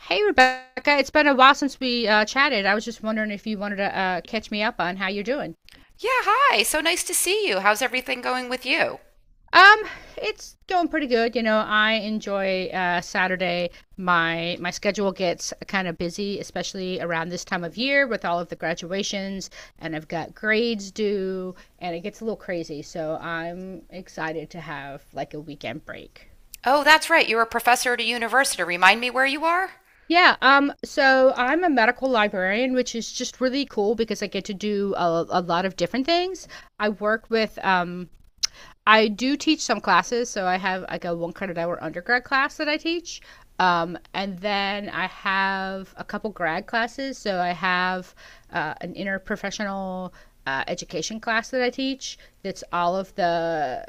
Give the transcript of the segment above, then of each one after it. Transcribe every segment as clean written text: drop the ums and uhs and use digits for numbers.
Hey, Rebecca. It's been a while since we chatted. I was just wondering if you wanted to catch me up on how you're doing. Yeah, hi. So nice to see you. How's everything going with you? Um, it's going pretty good. You know, I enjoy Saturday. My schedule gets kind of busy, especially around this time of year with all of the graduations, and I've got grades due, and it gets a little crazy. So I'm excited to have like a weekend break. Oh, that's right. You're a professor at a university. Remind me where you are? Yeah, so I'm a medical librarian, which is just really cool because I get to do a lot of different things. I work with, I do teach some classes, so I have like a one credit hour undergrad class that I teach. And then I have a couple grad classes, so I have an interprofessional education class that I teach that's all of the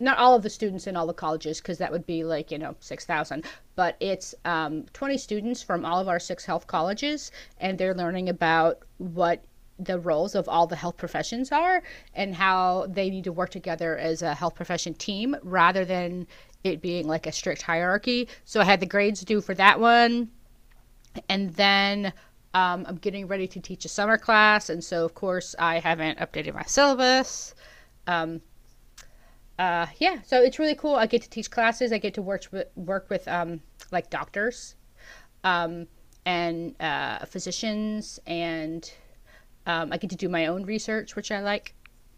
not all of the students in all the colleges because that would be like, you know, 6,000, but it's 20 students from all of our six health colleges, and they're learning about what the roles of all the health professions are and how they need to work together as a health profession team rather than it being like a strict hierarchy. So I had the grades due for that one, and then I'm getting ready to teach a summer class, and so of course I haven't updated my syllabus. Um, yeah, so it's really cool. I get to teach classes. I get to work with, like doctors, um, and physicians, and I get to do my own research, which I like.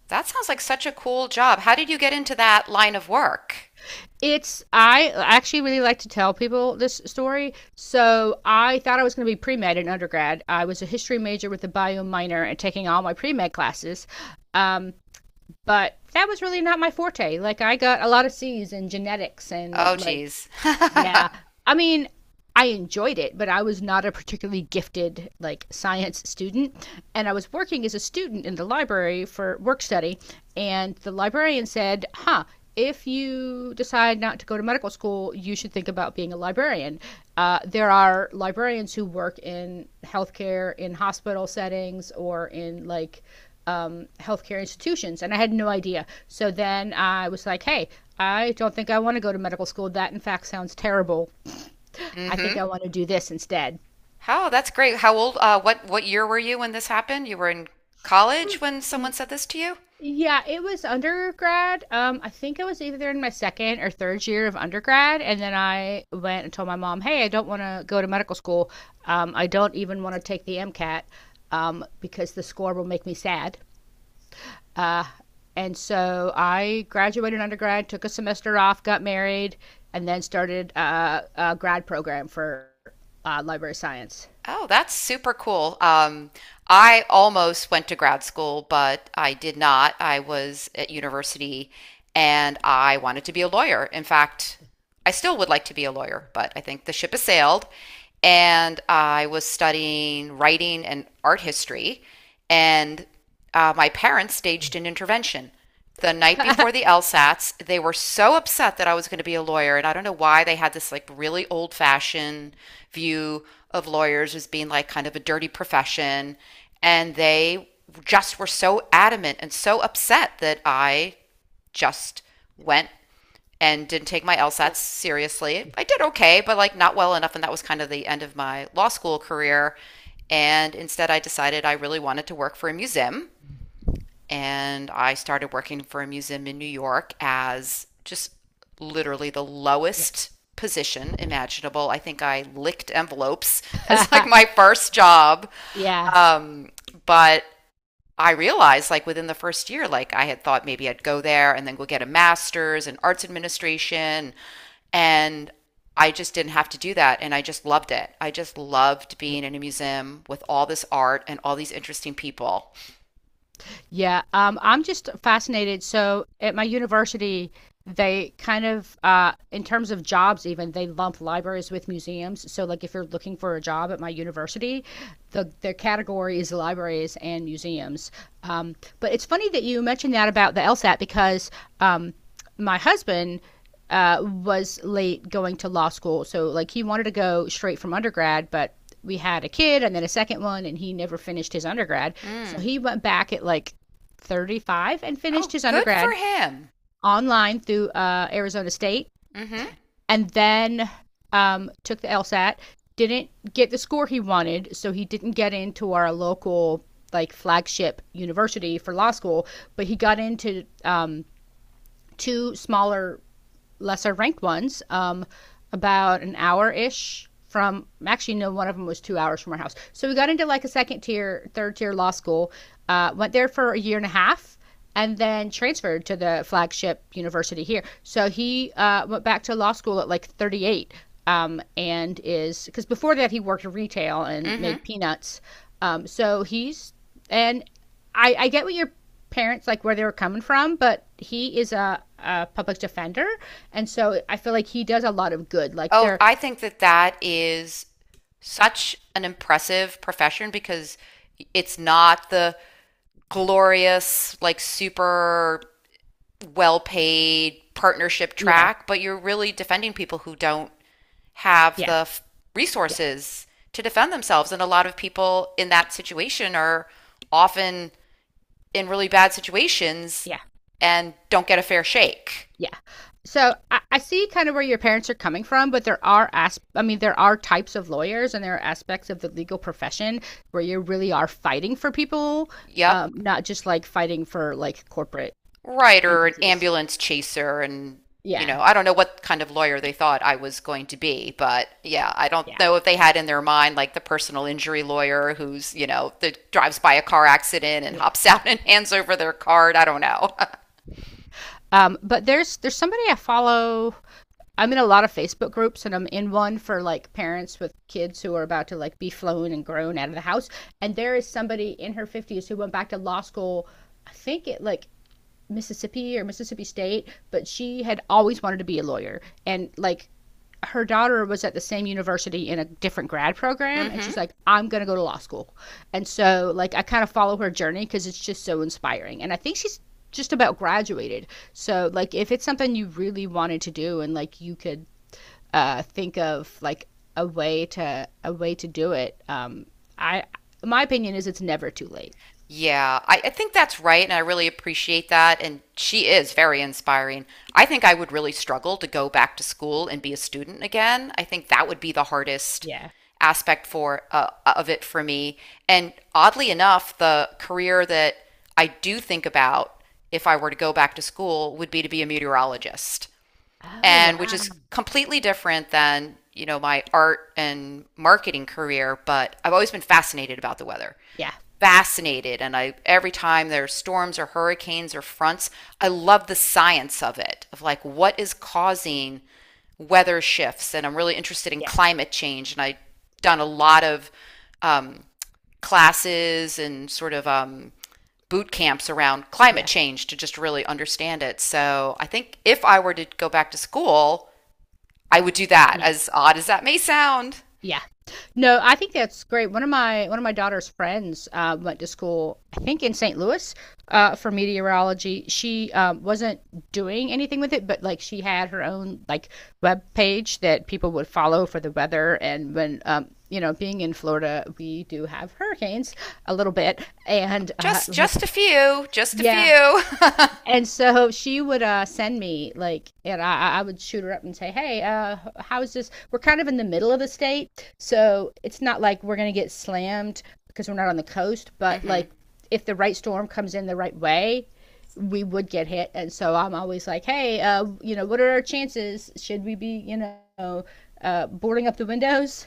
That sounds like such a cool job. How did you get into that line of work? It's, I actually really like to tell people this story. So I thought I was going to be pre med in undergrad. I was a history major with a bio minor and taking all my pre med classes. Um, but that was really not my forte. Like, I got a lot of C's in genetics and Oh, like, geez. yeah. I mean, I enjoyed it, but I was not a particularly gifted like science student, and I was working as a student in the library for work study, and the librarian said, "Huh, if you decide not to go to medical school, you should think about being a librarian. There are librarians who work in healthcare, in hospital settings, or in like healthcare institutions," and I had no idea. So then I was like, hey, I don't think I want to go to medical school. That, in fact, sounds terrible. I think I Mm-hmm. want to do this instead. Oh, that's great. How old, what year were you when this happened? You were in college when someone said this to you? Yeah, it was undergrad. I think I was either in my second or third year of undergrad, and then I went and told my mom, "Hey, I don't want to go to medical school. I don't even want to take the MCAT because the score will make me sad." Uh, and so I graduated undergrad, took a semester off, got married, and then started a grad program for library science. Oh, that's super cool. I almost went to grad school, but I did not. I was at university and I wanted to be a lawyer. In fact, I still would like to be a lawyer, but I think the ship has sailed. And I was studying writing and art history, and my parents staged an intervention the night before the LSATs. They were so upset that I was going to be a lawyer. And I don't know why they had this like really old fashioned view of lawyers as being like kind of a dirty profession. And they just were so adamant and so upset that I just went and didn't take my LSATs seriously. I did okay, but like not well enough. And that was kind of the end of my law school career. And instead, I decided I really wanted to work for a museum and I started working for a museum in New York as just literally the Yeah. lowest position imaginable. I think I licked envelopes as like Yeah. my first job. Yeah. Um, but I realized like within the first year, like I had thought maybe I'd go there and then go get a master's in arts administration. And I just didn't have to do that. And I just loved it. I just loved being in a museum with all this art and all these interesting people. Yeah, I'm just fascinated. So at my university, they kind of, in terms of jobs, even they lump libraries with museums. So like, if you're looking for a job at my university, their category is libraries and museums. But it's funny that you mentioned that about the LSAT because um, my husband. Was late going to law school. So, like, he wanted to go straight from undergrad, but we had a kid and then a second one and he never finished his undergrad, so Mm. he went back at like 35 and finished Oh, his good for undergrad him. online through Arizona State, Mm. Mhm. and then took the LSAT. Didn't get the score he wanted, so he didn't get into our local like flagship university for law school, but he got into two smaller lesser ranked ones, about an hour ish from, actually no, one of them was 2 hours from our house. So we got into like a second tier, third tier law school, went there for a year and a half and then transferred to the flagship university here. So he went back to law school at like 38, and is, because before that he worked in retail Mm. and Mhm. made peanuts. So he's, and I get what you're parents like where they were coming from, but he is a public defender, and so I feel like he does a lot of good. Like, Oh, they're, I think that that is such an impressive profession because it's not the glorious, like super well-paid partnership yeah, track, but you're really defending people who don't have yeah, yeah, resources to defend themselves. And a lot of people in that situation are often in really bad situations yeah, and don't get a fair shake. yeah. So I see kind of where your parents are coming from, but there are, as I mean, there are types of lawyers and there are aspects of the legal profession where you really are fighting for people, Yep. Not just like fighting for like corporate Right, or an entities. ambulance chaser, and you Yeah, know, I don't know what kind of lawyer they thought I was going to be, but yeah, I don't yeah. know if they Yeah. had in their mind like the personal injury lawyer who's, you know, that drives by a car accident and Yeah. hops out and hands over their card. I don't know. But there's somebody I follow, I'm in a lot of Facebook groups and I'm in one for like parents with kids who are about to like be flown and grown out of the house. And there is somebody in her 50s who went back to law school, I think it like Mississippi or Mississippi State, but she had always wanted to be a lawyer. And like, her daughter was at the same university in a different grad program and Mm-hmm. she's like, I'm going to go to law school. And so like, I kind of follow her journey because it's just so inspiring and I think she's just about graduated. So like, if it's something you really wanted to do and like you could think of like a way to do it. I, my opinion is it's never too late. Yeah, I think that's right, and I really appreciate that. And she is very inspiring. I think I would really struggle to go back to school and be a student again. I think that would be the hardest Yeah. aspect for of it for me. And oddly enough, the career that I do think about if I were to go back to school would be to be a meteorologist Oh and which wow. is completely different than you know my art and marketing career, but I've always been fascinated about the weather. Yeah. Fascinated. And I every time there's storms or hurricanes or fronts, I love the science of it of like what is causing weather shifts, and I'm really interested in Yeah. climate change, and I've done a lot of um, classes and sort of boot camps around climate Yeah. change to just really understand it. So I think if I were to go back to school, I would do that, Yeah. as odd as that may sound. Yeah. No, I think that's great. One of my daughter's friends went to school, I think in St. Louis, for meteorology. She wasn't doing anything with it, but like she had her own like web page that people would follow for the weather. And when, you know, being in Florida, we do have hurricanes a little bit, and Just, like, just a few, just a yeah, few. and so she would send me like, and I would shoot her up and say, "Hey, how is this? We're kind of in the middle of the state, so it's not like we're gonna get slammed because we're not on the coast. But Hmm. like, if the right storm comes in the right way, we would get hit." And so I'm always like, "Hey, you know, what are our chances? Should we be, you know, boarding up the windows?"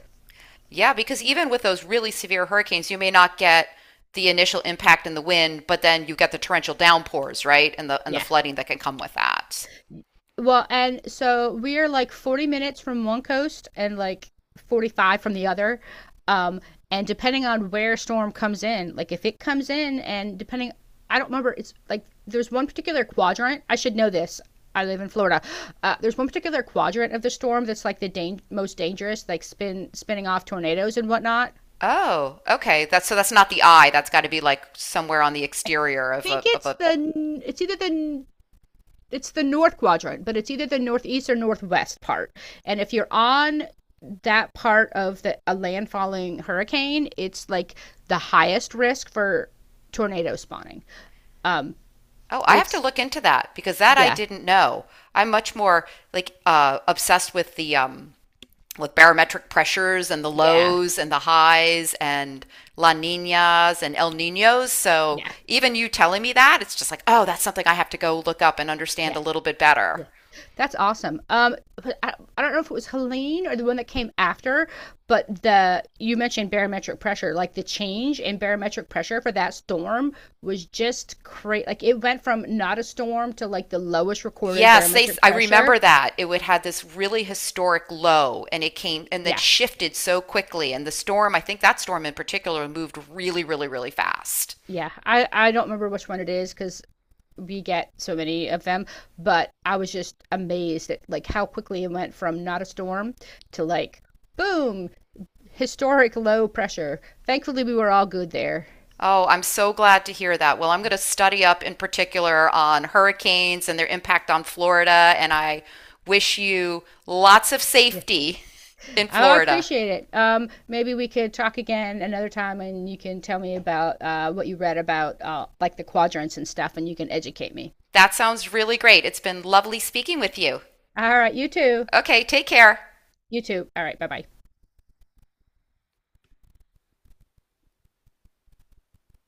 Yeah, because even with those really severe hurricanes, you may not get the initial impact in the wind, but then you get the torrential downpours, right? And the Yeah. flooding that can come with that. Well, and so we're like 40 minutes from one coast and like 45 from the other. Um, and depending on where storm comes in, like if it comes in and depending, I don't remember, it's like there's one particular quadrant. I should know this. I live in Florida. There's one particular quadrant of the storm that's like the most dangerous, like spinning off tornadoes and whatnot. Oh, okay. That's, so that's not the eye. That's got to be like somewhere on the exterior of I think a of it's a the, it's the north quadrant, but it's either the northeast or northwest part. And if you're on that part of the a landfalling hurricane, it's like the highest risk for tornado spawning. Um, Oh, I have to it's look into that because that I yeah, didn't know. I'm much more like obsessed with the with barometric pressures and the yeah, lows and the highs and La Ninas and El Ninos. So yeah, even you telling me that, it's just like, oh, that's something I have to go look up and understand yeah. a little bit better. Yeah, that's awesome. But I don't know if it was Helene or the one that came after, but the you mentioned barometric pressure, like the change in barometric pressure for that storm was just crazy. Like it went from not a storm to like the lowest recorded Yes, they, barometric I remember pressure. that. It would had this really historic low and it came and it Yeah, shifted so quickly, and the storm, I think that storm in particular moved really really really fast. yeah. I don't remember which one it is because we get so many of them, but I was just amazed at like how quickly it went from not a storm to like boom, historic low pressure. Thankfully, we were all good there. Oh, I'm so glad to hear that. Well, I'm going to study up in particular on hurricanes and their impact on Florida, and I wish you lots of safety in I Florida. appreciate it. Maybe we could talk again another time, and you can tell me about what you read about, like the quadrants and stuff, and you can educate me. That sounds really great. It's been lovely speaking with you. All right, you too. Okay, take care. You too. All right, bye bye.